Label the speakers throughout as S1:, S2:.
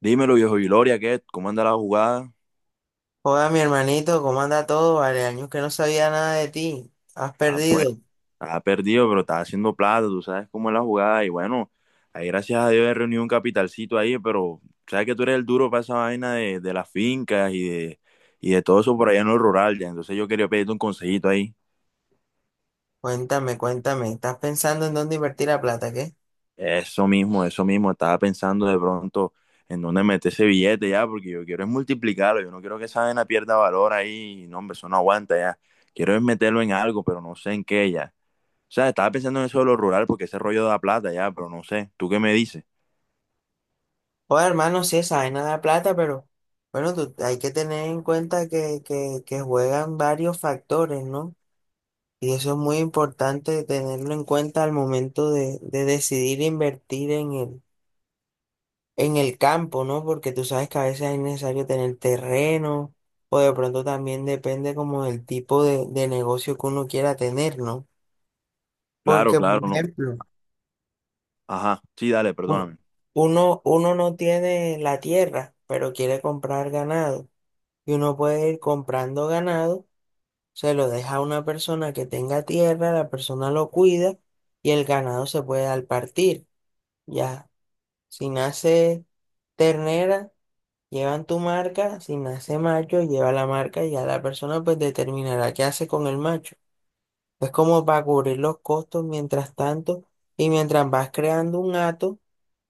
S1: Dímelo, viejo Gloria, ¿qué? ¿Cómo anda la jugada?
S2: Joda, mi hermanito, ¿cómo anda todo? Vale, años que no sabía nada de ti. ¿Has
S1: Ah, pues,
S2: perdido?
S1: ha perdido, pero está haciendo plata, tú sabes cómo es la jugada. Y bueno, ahí gracias a Dios he reunido un capitalcito ahí, pero sabes que tú eres el duro para esa vaina de las fincas y de todo eso por allá en lo rural, ya. Entonces yo quería pedirte un consejito ahí.
S2: Cuéntame, cuéntame. ¿Estás pensando en dónde invertir la plata, qué?
S1: Eso mismo, estaba pensando de pronto en dónde meter ese billete ya, porque yo quiero es multiplicarlo, yo no quiero que esa vaina pierda valor ahí, no, hombre, eso no aguanta ya. Quiero es meterlo en algo, pero no sé en qué ya. O sea, estaba pensando en eso de lo rural porque ese rollo da plata ya, pero no sé. ¿Tú qué me dices?
S2: Joda, hermano, sí, esa vaina da plata, pero bueno, tú, hay que tener en cuenta que juegan varios factores, ¿no? Y eso es muy importante tenerlo en cuenta al momento de decidir invertir en en el campo, ¿no? Porque tú sabes que a veces es necesario tener terreno o de pronto también depende como del tipo de negocio que uno quiera tener, ¿no?
S1: Claro,
S2: Porque,
S1: claro,
S2: por
S1: no.
S2: ejemplo,
S1: Ajá, sí, dale,
S2: un-
S1: perdóname.
S2: uno no tiene la tierra, pero quiere comprar ganado y uno puede ir comprando ganado, se lo deja a una persona que tenga tierra, la persona lo cuida y el ganado se puede al partir, ya. Si nace ternera, llevan tu marca, si nace macho, lleva la marca y ya la persona pues determinará qué hace con el macho. Es como para cubrir los costos mientras tanto y mientras vas creando un hato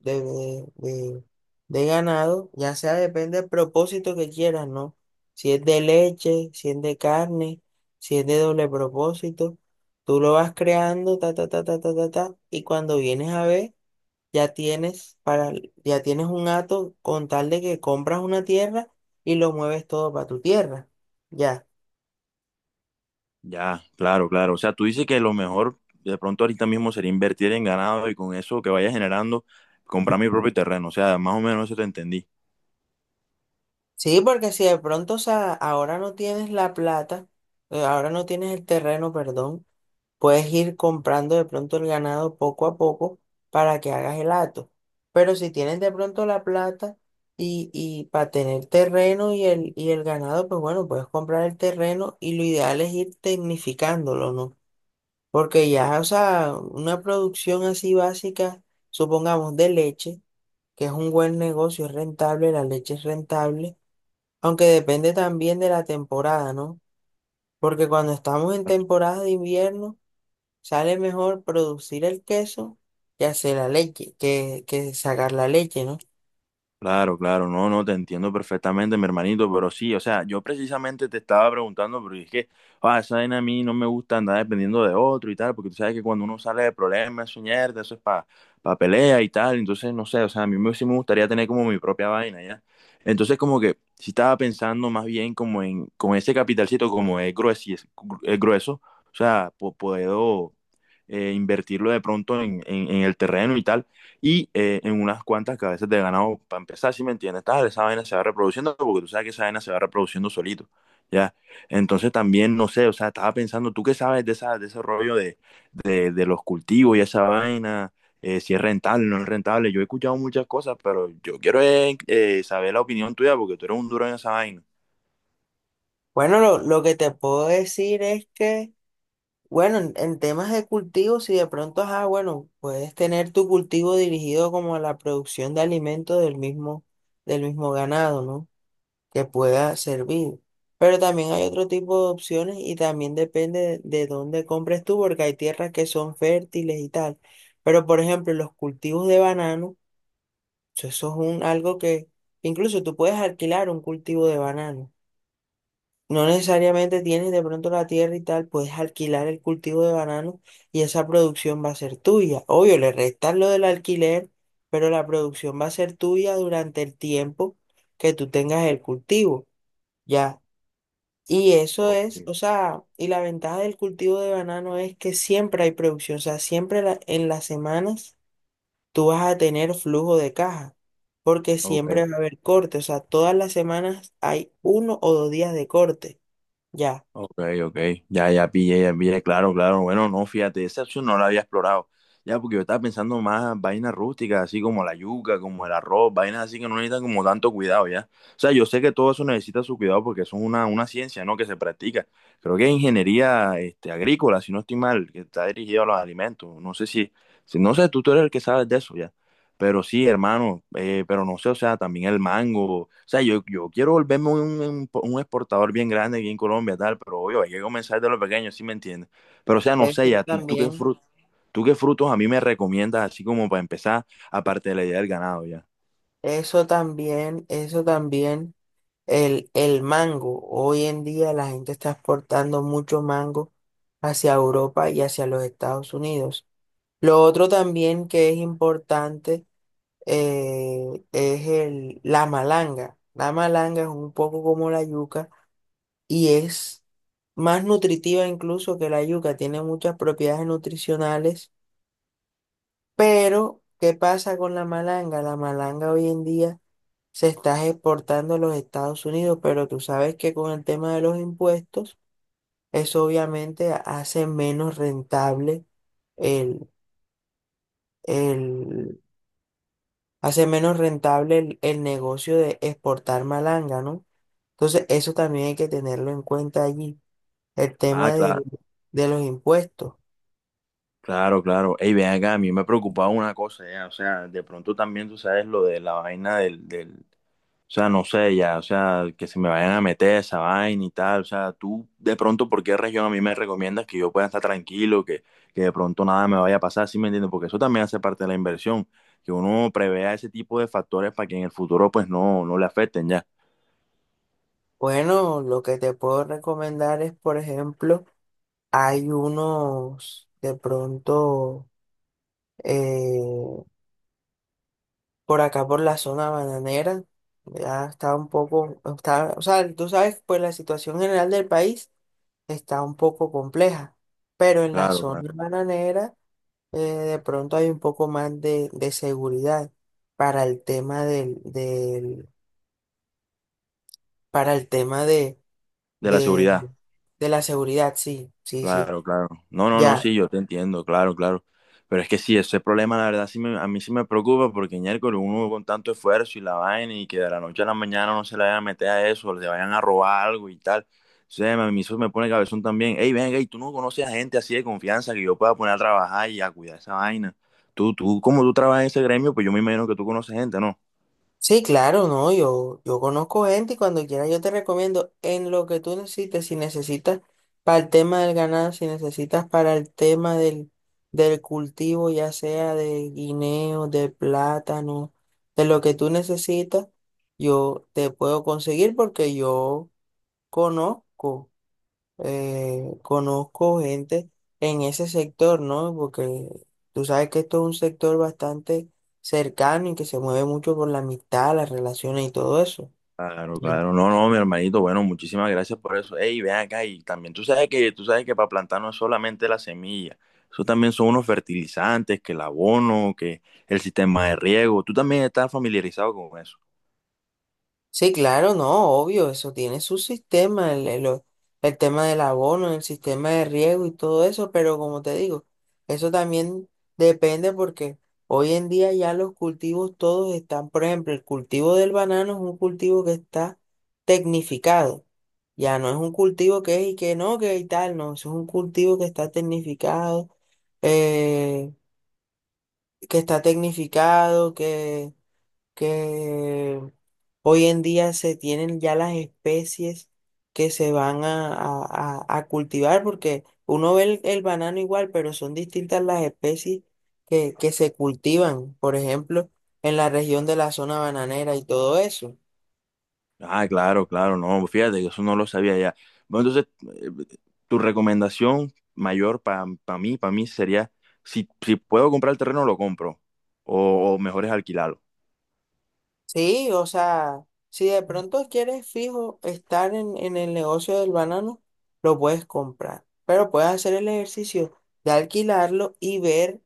S2: de, de, de- de ganado, ya sea depende del propósito que quieras, ¿no? Si es de leche, si es de carne, si es de doble propósito, tú lo vas creando, ta, ta, ta, ta, ta, ta, ta, y cuando vienes a ver ya tienes para, ya tienes un hato con tal de que compras una tierra y lo mueves todo para tu tierra. Ya.
S1: Ya, claro, claro. O sea, tú dices que lo mejor de pronto ahorita mismo sería invertir en ganado y con eso que vaya generando, comprar mi propio terreno. O sea, más o menos eso te entendí.
S2: Sí, porque si de pronto, o sea, ahora no tienes la plata, ahora no tienes el terreno, perdón, puedes ir comprando de pronto el ganado poco a poco para que hagas el hato. Pero si tienes de pronto la plata y para tener terreno y y el ganado, pues bueno, puedes comprar el terreno y lo ideal es ir tecnificándolo, ¿no? Porque ya, o sea, una producción así básica, supongamos de leche, que es un buen negocio, es rentable, la leche es rentable, aunque depende también de la temporada, ¿no? Porque cuando estamos en temporada de invierno, sale mejor producir el queso que hacer la leche, que sacar la leche, ¿no?
S1: Claro, claro, no, no, te entiendo perfectamente, mi hermanito, pero sí, o sea, yo precisamente te estaba preguntando, porque es que, ah, esa vaina a mí no me gusta andar dependiendo de otro y tal, porque tú sabes que cuando uno sale de problemas, eso es mierda, eso es para pelea y tal, entonces, no sé, o sea, a mí me, sí me gustaría tener como mi propia vaina, ¿ya? Entonces, como que, sí estaba pensando más bien como en, con ese capitalcito, como es grueso, o sea, puedo invertirlo de pronto en, en el terreno y tal y en unas cuantas cabezas de ganado para empezar, ¿si me entiendes? Tal, esa vaina se va reproduciendo porque tú sabes que esa vaina se va reproduciendo solito, ¿ya? Entonces también, no sé, o sea, estaba pensando, ¿tú qué sabes de, esa, de ese rollo de los cultivos y esa vaina? Si es rentable, no es rentable. Yo he escuchado muchas cosas, pero yo quiero saber la opinión tuya porque tú eres un duro en esa vaina.
S2: Bueno, lo que te puedo decir es que bueno, en temas de cultivos si de pronto, ajá, bueno, puedes tener tu cultivo dirigido como a la producción de alimentos del mismo ganado, ¿no? Que pueda servir. Pero también hay otro tipo de opciones y también depende de dónde compres tú, porque hay tierras que son fértiles y tal. Pero, por ejemplo, los cultivos de banano, eso es un, algo que incluso tú puedes alquilar un cultivo de banano. No necesariamente tienes de pronto la tierra y tal, puedes alquilar el cultivo de banano y esa producción va a ser tuya. Obvio, le restas lo del alquiler, pero la producción va a ser tuya durante el tiempo que tú tengas el cultivo, ¿ya? Y eso
S1: Ok,
S2: es, o sea, y la ventaja del cultivo de banano es que siempre hay producción, o sea, siempre la- en las semanas tú vas a tener flujo de caja, porque
S1: ok.
S2: siempre va a haber corte, o sea, todas las semanas hay uno o dos días de corte, ¿ya?
S1: Ok, ok, ya, ya pillé, claro, claro, bueno, no, fíjate, esa opción no la había explorado, ya, porque yo estaba pensando más vainas rústicas, así como la yuca, como el arroz, vainas así que no necesitan como tanto cuidado, ya, o sea, yo sé que todo eso necesita su cuidado porque eso es una ciencia, ¿no?, que se practica, creo que es ingeniería, este, agrícola, si no estoy mal, que está dirigida a los alimentos, no sé si, si no sé, tú eres el que sabes de eso, ya. Pero sí, hermano, pero no sé, o sea, también el mango. O sea, yo quiero volverme un, un exportador bien grande aquí en Colombia, tal, pero obvio, hay que comenzar de lo pequeño, ¿sí me entiendes? Pero, o sea, no sé,
S2: Eso
S1: ya, ¿tú,
S2: también,
S1: tú qué frutos a mí me recomiendas, así como para empezar, aparte de la idea del ganado, ya?
S2: eso también, eso también. El mango. Hoy en día la gente está exportando mucho mango hacia Europa y hacia los Estados Unidos. Lo otro también que es importante es la malanga. La malanga es un poco como la yuca y es más nutritiva incluso que la yuca. Tiene muchas propiedades nutricionales, pero ¿qué pasa con la malanga? La malanga hoy en día se está exportando a los Estados Unidos, pero tú sabes que con el tema de los impuestos, eso obviamente hace menos rentable el, el, hace menos rentable el negocio de exportar malanga, ¿no? Entonces, eso también hay que tenerlo en cuenta allí, el
S1: Ah,
S2: tema
S1: claro,
S2: de los impuestos.
S1: claro, claro. Ey, ven acá, a mí me preocupaba una cosa, ya, o sea, de pronto también tú sabes lo de la vaina o sea, no sé ya, o sea, que se me vayan a meter esa vaina y tal. O sea, tú de pronto, ¿por qué región a mí me recomiendas que yo pueda estar tranquilo, que de pronto nada me vaya a pasar? ¿Sí me entiendes? Porque eso también hace parte de la inversión, que uno prevea ese tipo de factores para que en el futuro pues no, no le afecten ya.
S2: Bueno, lo que te puedo recomendar es, por ejemplo, hay unos, de pronto, eh, por acá, por la zona bananera, ya está un poco, está, o sea, tú sabes, pues la situación general del país está un poco compleja, pero en la
S1: Claro, claro.
S2: zona bananera de pronto hay un poco más de seguridad para el tema para el tema
S1: De la
S2: de,
S1: seguridad.
S2: de la seguridad, sí, sí, sí,
S1: Claro, claro. No, no, no,
S2: ya.
S1: sí, yo te entiendo, claro, claro. Pero es que sí, ese problema, la verdad, sí me- a mí sí me preocupa porque miércoles uno con tanto esfuerzo y la vaina y que de la noche a la mañana no se le vayan a meter a eso, le vayan a robar algo y tal. O sea, a mí eso me pone cabezón también. Ey, venga, y tú no conoces a gente así de confianza que yo pueda poner a trabajar y a cuidar esa vaina. Tú, como tú trabajas en ese gremio, pues yo me imagino que tú conoces gente, ¿no?
S2: Sí, claro, no, yo conozco gente y cuando quieras yo te recomiendo en lo que tú necesites, si necesitas para el tema del ganado, si necesitas para el tema del cultivo, ya sea de guineo, de plátano, de lo que tú necesitas, yo te puedo conseguir porque yo conozco conozco gente en ese sector, ¿no? Porque tú sabes que esto es un sector bastante cercano y que se mueve mucho por la amistad, las relaciones y todo eso.
S1: Claro, claro. No, no, mi hermanito, bueno, muchísimas gracias por eso. Ey, ven acá y también tú sabes que para plantar no es solamente la semilla. Eso también son unos fertilizantes, que el abono, que el sistema de riego. Tú también estás familiarizado con eso.
S2: Sí, claro, no, obvio, eso tiene su sistema, el tema del abono, el sistema de riego y todo eso, pero como te digo, eso también depende porque hoy en día ya los cultivos todos están, por ejemplo, el cultivo del banano es un cultivo que está tecnificado, ya no es un cultivo que es y que no, que y tal, no, eso es un cultivo que está tecnificado, eh, que está tecnificado, que hoy en día se tienen ya las especies que se van a cultivar, porque uno ve el banano igual, pero son distintas las especies que se cultivan, por ejemplo, en la región de la zona bananera y todo eso.
S1: Ah, claro, claro, no, fíjate que eso no lo sabía ya. Bueno, entonces, eh, tu recomendación mayor para mí sería si, si puedo comprar el terreno, lo compro. O mejor es alquilarlo.
S2: Sí, o sea, si de pronto quieres fijo estar en el negocio del banano, lo puedes comprar, pero puedes hacer el ejercicio de alquilarlo y ver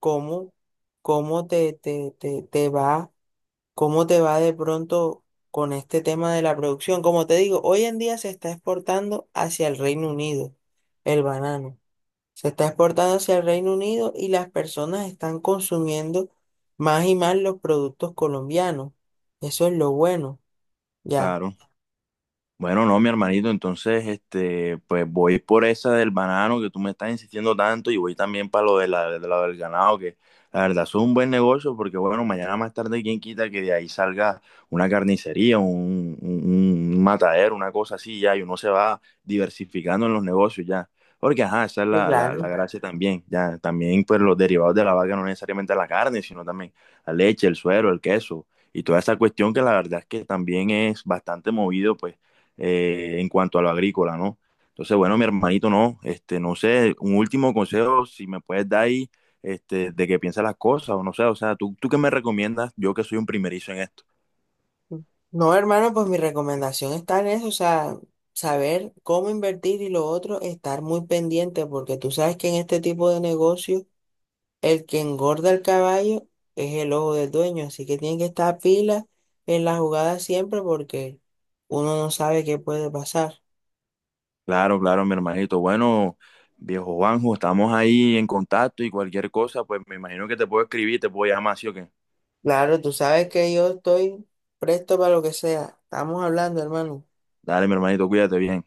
S2: cómo, cómo te va, cómo te va de pronto con este tema de la producción. Como te digo, hoy en día se está exportando hacia el Reino Unido el banano. Se está exportando hacia el Reino Unido y las personas están consumiendo más y más los productos colombianos. Eso es lo bueno, ya.
S1: Claro. Bueno, no, mi hermanito, entonces, este, pues voy por esa del banano que tú me estás insistiendo tanto y voy también para lo de la, de lo del ganado, que la verdad es un buen negocio porque, bueno, mañana más tarde, quién quita que de ahí salga una carnicería, un matadero, una cosa así ya, y uno se va diversificando en los negocios ya. Porque, ajá, esa es
S2: Sí,
S1: la, la,
S2: claro.
S1: la gracia también, ya, también pues los derivados de la vaca, no necesariamente la carne, sino también la leche, el suero, el queso y toda esa cuestión que la verdad es que también es bastante movido, pues en cuanto a lo agrícola, ¿no? Entonces, bueno, mi hermanito, no, este, no sé, un último consejo, si me puedes dar ahí, este, de que piensas las cosas, o no sé, o sea, ¿tú, tú qué me recomiendas? Yo que soy un primerizo en esto.
S2: No, hermano, pues mi recomendación está en eso, o sea, saber cómo invertir y lo otro, estar muy pendiente, porque tú sabes que en este tipo de negocio, el que engorda el caballo es el ojo del dueño, así que tiene que estar pila en la jugada siempre porque uno no sabe qué puede pasar.
S1: Claro, claro, mi hermanito, bueno, viejo Juanjo, estamos ahí en contacto y cualquier cosa, pues me imagino que te puedo escribir, te puedo llamar, ¿sí o qué?
S2: Claro, tú sabes que yo estoy presto para lo que sea. Estamos hablando, hermano.
S1: Dale, mi hermanito, cuídate bien.